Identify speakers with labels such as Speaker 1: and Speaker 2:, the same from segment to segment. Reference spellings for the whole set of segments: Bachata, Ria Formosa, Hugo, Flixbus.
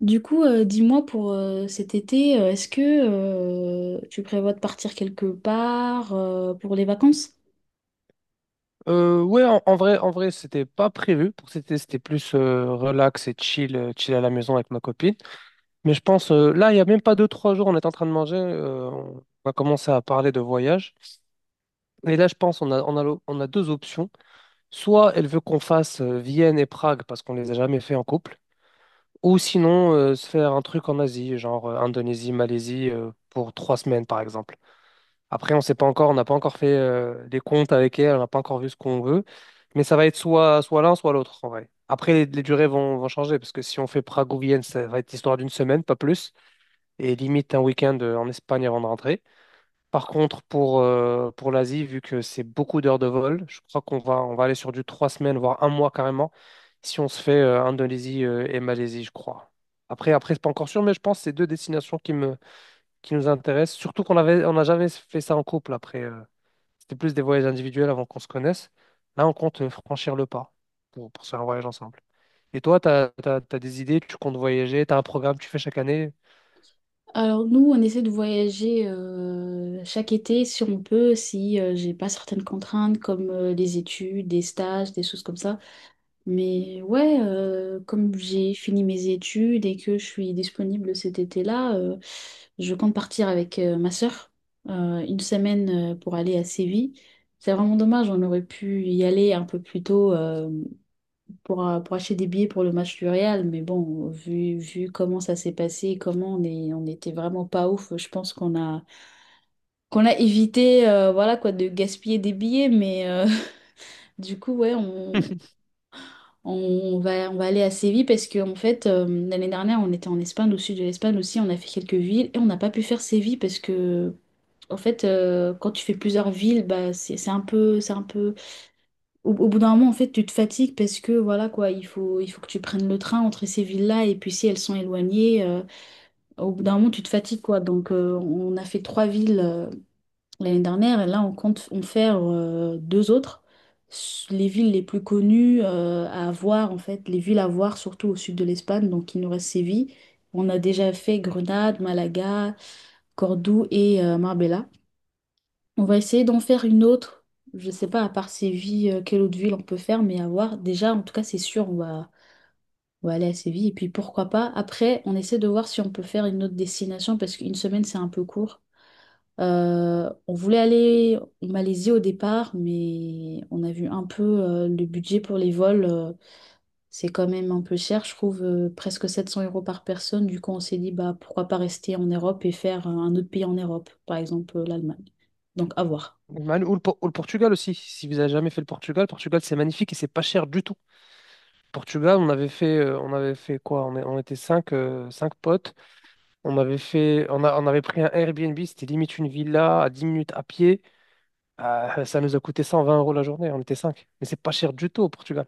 Speaker 1: Dis-moi pour cet été, est-ce que tu prévois de partir quelque part pour les vacances?
Speaker 2: Ouais, en vrai, c'était pas prévu pour cet été, c'était plus relax et chill à la maison avec ma copine. Mais je pense, là, il y a même pas deux, trois jours, on est en train de manger, on a commencé à parler de voyage. Et là, je pense, on a deux options. Soit elle veut qu'on fasse Vienne et Prague parce qu'on les a jamais fait en couple. Ou sinon, se faire un truc en Asie, genre Indonésie, Malaisie, pour trois semaines, par exemple. Après, on sait pas encore, on n'a pas encore fait les comptes avec elle, on n'a pas encore vu ce qu'on veut, mais ça va être soit, soit l'un, soit l'autre, en vrai. Après, les durées vont changer, parce que si on fait Prague ou Vienne, ça va être l'histoire d'une semaine, pas plus, et limite un week-end en Espagne avant de rentrer. Par contre, pour l'Asie, vu que c'est beaucoup d'heures de vol, je crois qu'on va aller sur du trois semaines, voire un mois carrément, si on se fait Indonésie et Malaisie, je crois. Après, c'est pas encore sûr, mais je pense que c'est deux destinations qui nous intéressent. Surtout qu'on n'a jamais fait ça en couple après. C'était plus des voyages individuels avant qu'on se connaisse. Là, on compte franchir le pas pour se faire un voyage ensemble. Et toi, t'as des idées, tu comptes voyager, t'as un programme que tu fais chaque année?
Speaker 1: Alors nous, on essaie de voyager chaque été si on peut, si j'ai pas certaines contraintes comme les études, des stages, des choses comme ça. Mais ouais, comme j'ai fini mes études et que je suis disponible cet été-là, je compte partir avec ma sœur une semaine pour aller à Séville. C'est vraiment dommage, on aurait pu y aller un peu plus tôt pour acheter des billets pour le match du Real, mais bon, vu comment ça s'est passé, comment on était vraiment pas ouf. Je pense qu'on a évité voilà quoi, de gaspiller des billets, mais du coup, ouais, on va aller à Séville parce que en fait, l'année dernière, on était en Espagne, au sud de l'Espagne aussi, on a fait quelques villes et on n'a pas pu faire Séville parce que, en fait, quand tu fais plusieurs villes, bah, c'est un peu, c'est un peu… Au, au bout d'un moment, en fait, tu te fatigues parce que, voilà, quoi, il faut que tu prennes le train entre ces villes-là, et puis si elles sont éloignées, au bout d'un moment, tu te fatigues, quoi. Donc, on a fait trois villes, l'année dernière, et là, on compte en faire deux autres. Les villes les plus connues à voir, en fait, les villes à voir, surtout au sud de l'Espagne. Donc, il nous reste Séville. On a déjà fait Grenade, Malaga, Cordoue et Marbella. On va essayer d'en faire une autre. Je sais pas, à part Séville, quelle autre ville on peut faire, mais à voir. Déjà, en tout cas, c'est sûr, on va aller à Séville. Et puis, pourquoi pas. Après, on essaie de voir si on peut faire une autre destination parce qu'une semaine, c'est un peu court. On voulait aller en Malaisie au départ, mais on a vu un peu le budget pour les vols. Euh, c'est quand même un peu cher, je trouve, presque 700 euros par personne. Du coup, on s'est dit, bah, pourquoi pas rester en Europe et faire un autre pays en Europe, par exemple l'Allemagne. Donc, à voir.
Speaker 2: Ou le Portugal aussi. Si vous avez jamais fait le Portugal, Portugal c'est magnifique et c'est pas cher du tout. Portugal, on avait fait quoi? On était cinq potes. On avait fait, on a- on avait pris un Airbnb, c'était limite une villa à 10 minutes à pied. Ça nous a coûté 120 euros la journée. On était cinq. Mais c'est pas cher du tout au Portugal.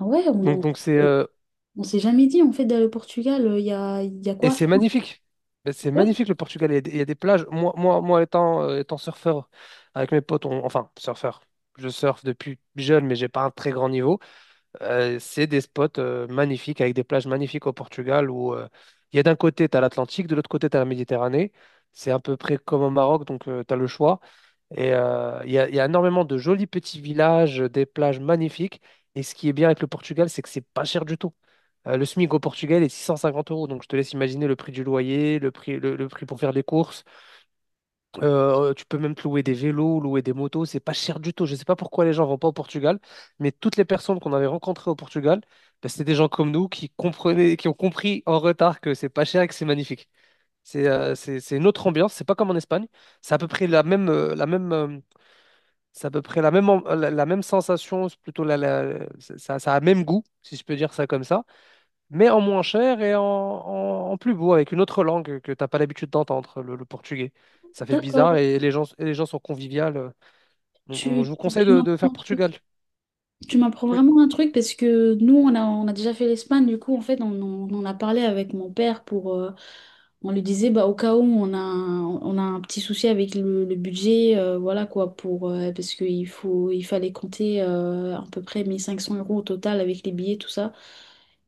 Speaker 1: Ah ouais,
Speaker 2: Donc donc c'est euh,
Speaker 1: on s'est jamais dit, en fait, d'aller au Portugal. Y a
Speaker 2: et
Speaker 1: quoi à faire?
Speaker 2: c'est magnifique. Ben, c'est
Speaker 1: Ouais,
Speaker 2: magnifique le Portugal. Il y a des plages. Moi, étant surfeur avec mes potes, enfin surfeur. Je surfe depuis jeune, mais j'ai pas un très grand niveau. C'est des spots magnifiques, avec des plages magnifiques au Portugal où il y a d'un côté, tu as l'Atlantique, de l'autre côté, tu as la Méditerranée. C'est à peu près comme au Maroc, donc tu as le choix. Et il y a énormément de jolis petits villages, des plages magnifiques. Et ce qui est bien avec le Portugal, c'est que c'est pas cher du tout. Le SMIC au Portugal est 650 euros, donc je te laisse imaginer le prix du loyer, le prix pour faire les courses. Tu peux même te louer des vélos, louer des motos, c'est pas cher du tout. Je sais pas pourquoi les gens vont pas au Portugal, mais toutes les personnes qu'on avait rencontrées au Portugal, bah, c'était des gens comme nous qui comprenaient, qui ont compris en retard que c'est pas cher et que c'est magnifique. C'est une autre ambiance, c'est pas comme en Espagne. C'est à peu près la même, c'est à peu près la même, la même sensation, c'est plutôt la, la- ça a le même goût, si je peux dire ça comme ça mais en moins cher et en, en plus beau, avec une autre langue que t'as pas l'habitude d'entendre, le portugais. Ça fait bizarre
Speaker 1: d'accord.
Speaker 2: et les gens sont conviviales. Donc, je vous conseille
Speaker 1: Tu
Speaker 2: de faire
Speaker 1: m'apprends un
Speaker 2: Portugal.
Speaker 1: truc. Tu m'apprends
Speaker 2: Oui.
Speaker 1: vraiment un truc parce que nous, on a déjà fait l'Espagne, du coup, en fait, on a parlé avec mon père pour… on lui disait, bah, au cas où on a un petit souci avec le budget, voilà quoi, pour, parce qu'il faut, il fallait compter à peu près 1 500 euros au total avec les billets, tout ça.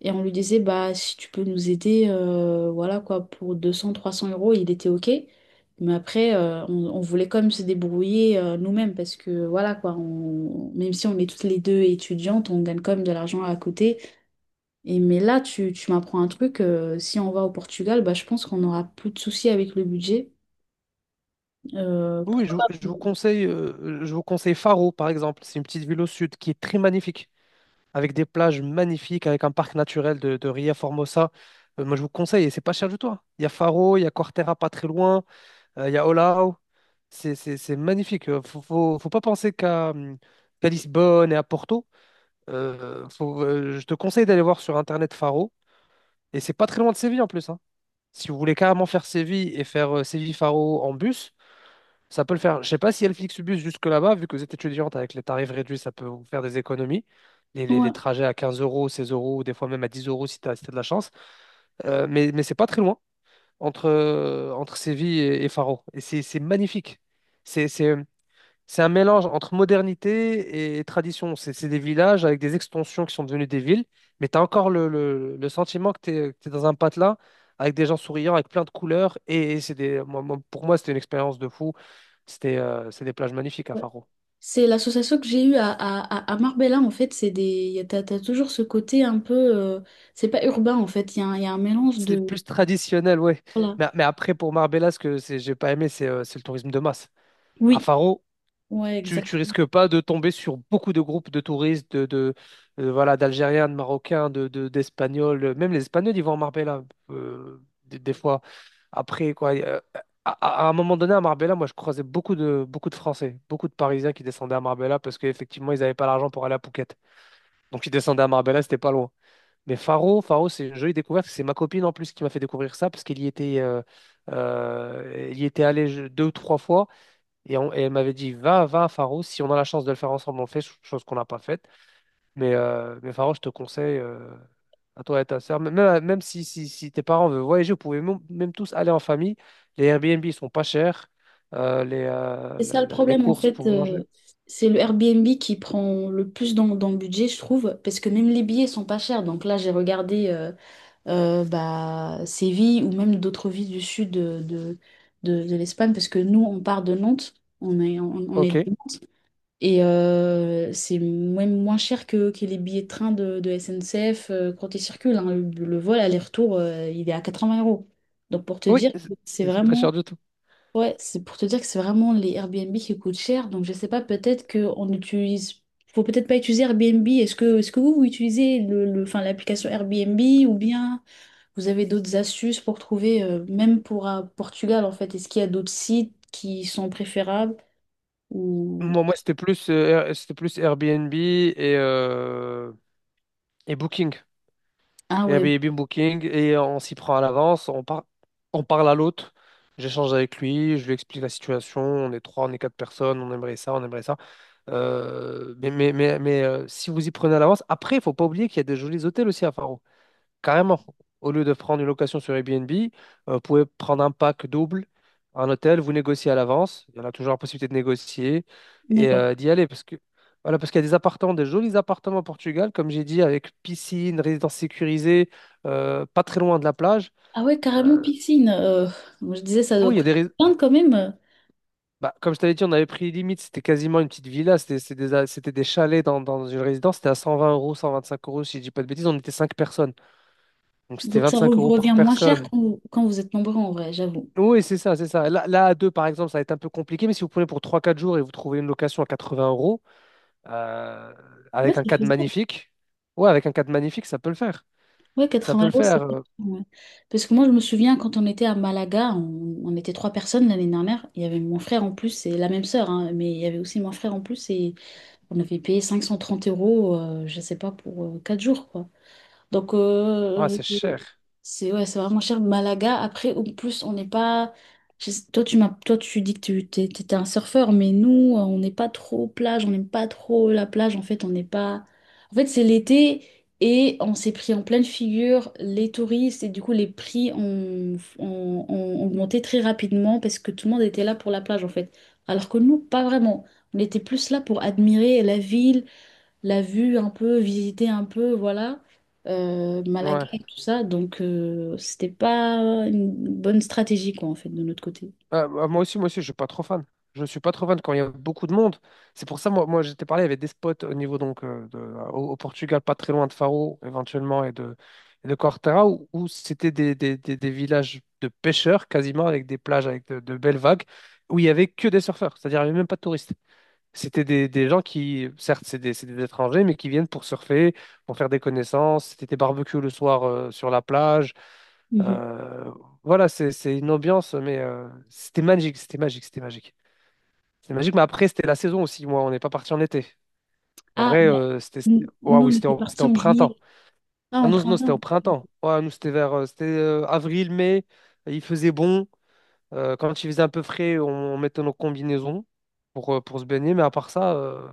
Speaker 1: Et on lui disait, bah, si tu peux nous aider, voilà quoi, pour 200, 300 euros, il était OK. Mais après, on voulait quand même se débrouiller nous-mêmes parce que voilà quoi, on, même si on est toutes les deux étudiantes, on gagne quand même de l'argent à côté. Et mais là, tu m'apprends un truc, si on va au Portugal, bah, je pense qu'on n'aura plus de soucis avec le budget.
Speaker 2: Oui, oui,
Speaker 1: Pourquoi pas?
Speaker 2: je vous conseille Faro, par exemple. C'est une petite ville au sud qui est très magnifique, avec des plages magnifiques, avec un parc naturel de Ria Formosa. Moi, je vous conseille, et c'est pas cher du tout. Hein. Il y a Faro, il y a Corteira pas très loin. Il y a Olao. C'est magnifique. Faut pas penser qu'à Lisbonne et à Porto. Je te conseille d'aller voir sur Internet Faro. Et c'est pas très loin de Séville en plus. Hein. Si vous voulez carrément faire Séville et faire Séville-Faro en bus, ça peut le faire. Je sais pas si Flixbus jusque là-bas, vu que vous êtes étudiante avec les tarifs réduits, ça peut vous faire des économies. Les
Speaker 1: Ouais.
Speaker 2: trajets à 15 euros, 16 euros, ou des fois même à 10 euros si tu as de la chance. Mais c'est pas très loin entre Séville et Faro. Et c'est magnifique. C'est c'est, c'est un mélange entre modernité et tradition. C'est des villages avec des extensions qui sont devenues des villes, mais tu as encore le sentiment que tu es dans un patelin avec des gens souriants, avec plein de couleurs. Et, c'est des, moi- moi- pour moi, c'était une expérience de fou. C'est des plages magnifiques à
Speaker 1: Ouais.
Speaker 2: Faro.
Speaker 1: C'est l'association que j'ai eue à, à Marbella, en fait, c'est des, t'as toujours ce côté un peu, c'est pas urbain en fait, il y a un mélange
Speaker 2: C'est
Speaker 1: de,
Speaker 2: plus traditionnel, ouais.
Speaker 1: voilà.
Speaker 2: Mais, après, pour Marbella, ce que j'ai pas aimé, c'est le tourisme de masse. À
Speaker 1: Oui,
Speaker 2: Faro,
Speaker 1: ouais.
Speaker 2: tu risques pas de tomber sur beaucoup de groupes de touristes, de voilà, d'Algériens, de Marocains, d'Espagnols. Même les Espagnols, ils vont à Marbella, des fois. Après, quoi, à un moment donné, à Marbella, moi, je croisais beaucoup de Français, beaucoup de Parisiens qui descendaient à Marbella parce qu'effectivement, ils n'avaient pas l'argent pour aller à Phuket. Donc, ils descendaient à Marbella, c'était pas loin. Mais Faro, Faro, c'est une jolie découverte. C'est ma copine en plus qui m'a fait découvrir ça parce qu'elle y était, elle y était allée deux ou trois fois. Et elle m'avait dit, va, va à Faro, si on a la chance de le faire ensemble, on le fait, chose qu'on n'a pas faite. Mais Faro, je te conseille, à toi et ta sœur, même si tes parents veulent voyager, vous pouvez même tous aller en famille. Les Airbnb sont pas chers, euh, les, euh,
Speaker 1: C'est ça
Speaker 2: le-
Speaker 1: le
Speaker 2: le- les
Speaker 1: problème en
Speaker 2: courses
Speaker 1: fait,
Speaker 2: pour manger.
Speaker 1: c'est le Airbnb qui prend le plus dans le budget, je trouve, parce que même les billets sont pas chers. Donc là, j'ai regardé bah, Séville ou même d'autres villes du sud de l'Espagne, parce que nous, on part de Nantes, on est de
Speaker 2: OK.
Speaker 1: Nantes, et c'est même moins cher que les billets de train de SNCF quand ils circulent, hein. Le vol aller-retour, il est à 80 euros. Donc pour te
Speaker 2: Oui,
Speaker 1: dire,
Speaker 2: c'est
Speaker 1: que c'est
Speaker 2: c'est- c'est pas cher
Speaker 1: vraiment…
Speaker 2: du tout.
Speaker 1: Ouais, c'est pour te dire que c'est vraiment les Airbnb qui coûtent cher. Donc je sais pas, peut-être qu'on utilise. Faut peut-être pas utiliser Airbnb. Est-ce que vous, vous utilisez enfin, l'application Airbnb ou bien vous avez d'autres astuces pour trouver, même pour Portugal en fait, est-ce qu'il y a d'autres sites qui sont préférables ou…
Speaker 2: Moi, c'était plus Airbnb et Booking.
Speaker 1: Ah ouais,
Speaker 2: Airbnb Booking et on s'y prend à l'avance, on parle à l'hôte, j'échange avec lui, je lui explique la situation, on est trois, on est quatre personnes, on aimerait ça, on aimerait ça. Si vous y prenez à l'avance, après, il faut pas oublier qu'il y a des jolis hôtels aussi à Faro. Carrément, au lieu de prendre une location sur Airbnb, vous pouvez prendre un pack double, un hôtel, vous négociez à l'avance. Il y en a toujours la possibilité de négocier et
Speaker 1: d'accord.
Speaker 2: d'y aller. Parce que, voilà, parce qu'il y a des appartements, des jolis appartements au Portugal, comme j'ai dit, avec piscine, résidence sécurisée, pas très loin de la plage.
Speaker 1: Ah ouais, carrément
Speaker 2: Euh,
Speaker 1: piscine. Moi, je disais ça doit
Speaker 2: oui. il y a des.
Speaker 1: coûter
Speaker 2: Rés-
Speaker 1: plein quand même. Euh,
Speaker 2: Bah, comme je t'avais dit, on avait pris limite, c'était quasiment une petite villa, c'était des chalets dans une résidence, c'était à 120 euros, 125 euros, si je dis pas de bêtises, on était 5 personnes. Donc c'était
Speaker 1: donc ça
Speaker 2: 25
Speaker 1: vous
Speaker 2: euros par
Speaker 1: revient moins cher
Speaker 2: personne.
Speaker 1: quand quand vous êtes nombreux en vrai, j'avoue.
Speaker 2: Oui, c'est ça, c'est ça. Là, à deux, par exemple, ça va être un peu compliqué, mais si vous prenez pour trois, quatre jours et vous trouvez une location à 80 euros, euh,
Speaker 1: Ouais,
Speaker 2: avec un
Speaker 1: c'est
Speaker 2: cadre
Speaker 1: faisable.
Speaker 2: magnifique, ouais, avec un cadre magnifique, ça peut le faire.
Speaker 1: Ouais,
Speaker 2: Ça peut
Speaker 1: 80
Speaker 2: le
Speaker 1: euros, c'est
Speaker 2: faire.
Speaker 1: pas cher, ouais. Parce que moi, je me souviens quand on était à Malaga, on était trois personnes l'année dernière. Il y avait mon frère en plus et la même sœur, hein, mais il y avait aussi mon frère en plus, et on avait payé 530 euros, je sais pas, pour quatre jours, quoi. Donc,
Speaker 2: Ouais, c'est cher.
Speaker 1: c'est ouais, c'est vraiment cher. Malaga, après, en plus, on n'est pas. Je sais- toi, toi, tu dis que t'étais un surfeur, mais nous, on n'est pas trop plage, on n'aime pas trop la plage. En fait, on n'est pas. En fait, c'est l'été et on s'est pris en pleine figure les touristes et du coup, les prix ont augmenté très rapidement parce que tout le monde était là pour la plage, en fait. Alors que nous, pas vraiment. On était plus là pour admirer la ville, la vue un peu, visiter un peu, voilà, Malaga
Speaker 2: Ouais.
Speaker 1: et tout ça. Donc, c'était pas une bonne stratégie, quoi, en fait, de notre côté.
Speaker 2: Ah, bah, moi aussi, je suis pas trop fan. Je suis pas trop fan quand il y a beaucoup de monde. C'est pour ça, moi j'étais parlé, il y avait des spots au niveau donc au Portugal, pas très loin de Faro, éventuellement, et de Corteira, où c'était des villages de pêcheurs quasiment, avec des plages, avec de belles vagues, où il y avait que des surfeurs, c'est-à-dire il n'y avait même pas de touristes. C'était des gens qui, certes, c'est des étrangers, mais qui viennent pour surfer, pour faire des connaissances. C'était des barbecues le soir sur la plage.
Speaker 1: Mhm.
Speaker 2: Euh, voilà, c'est une ambiance, mais c'était magique, c'était magique, c'était magique. C'était magique, mais après, c'était la saison aussi. Moi, on n'est pas parti en été. En
Speaker 1: Ah,
Speaker 2: vrai,
Speaker 1: bah,
Speaker 2: Ouah, oui,
Speaker 1: on
Speaker 2: c'était
Speaker 1: était
Speaker 2: au, c'était
Speaker 1: partis
Speaker 2: au
Speaker 1: en juillet,
Speaker 2: printemps.
Speaker 1: pas
Speaker 2: Ah
Speaker 1: en
Speaker 2: non, non, c'était au
Speaker 1: printemps.
Speaker 2: printemps. Ouais, nous, c'était avril, mai. Il faisait bon. Quand il faisait un peu frais, on mettait nos combinaisons pour se baigner. Mais à part ça,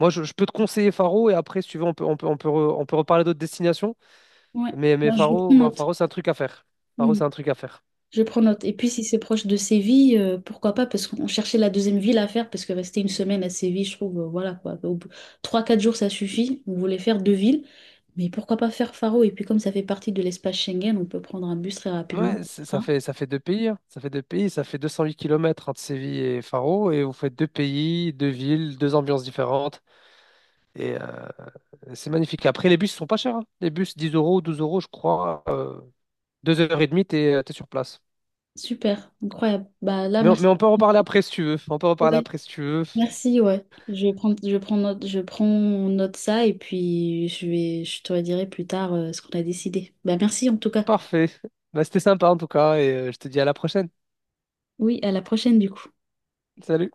Speaker 2: moi, je peux te conseiller Faro. Et après, si tu veux, on peut reparler d'autres destinations.
Speaker 1: Ouais.
Speaker 2: Mais,
Speaker 1: Bah,
Speaker 2: mais
Speaker 1: je
Speaker 2: Faro,
Speaker 1: prends
Speaker 2: bah,
Speaker 1: note.
Speaker 2: Faro, c'est un truc à faire. Faro, c'est un truc à faire.
Speaker 1: Je prends note. Et puis, si c'est proche de Séville, pourquoi pas? Parce qu'on cherchait la deuxième ville à faire, parce que rester une semaine à Séville, je trouve, voilà quoi. Au bout- trois, quatre jours, ça suffit. On voulait faire deux villes, mais pourquoi pas faire Faro? Et puis, comme ça fait partie de l'espace Schengen, on peut prendre un bus très rapidement.
Speaker 2: Ouais, ça
Speaker 1: Hein?
Speaker 2: fait, ça fait deux pays, hein. Ça fait deux pays, ça fait 208 kilomètres entre Séville et Faro, et vous faites deux pays, deux villes, deux ambiances différentes, et c'est magnifique. Après, les bus sont pas chers, hein. Les bus, 10 euros, 12 euros, je crois, 2 heures et demie, t'es sur place.
Speaker 1: Super, incroyable. Bah là,
Speaker 2: Mais on,
Speaker 1: merci.
Speaker 2: mais on peut en reparler après si tu veux, on peut en reparler
Speaker 1: Ouais.
Speaker 2: après si tu veux.
Speaker 1: Merci, ouais. Je prends note ça, et puis je vais, je te redirai plus tard, ce qu'on a décidé. Bah merci en tout cas.
Speaker 2: Parfait. Bah, c'était sympa en tout cas, et je te dis à la prochaine.
Speaker 1: Oui, à la prochaine du coup.
Speaker 2: Salut.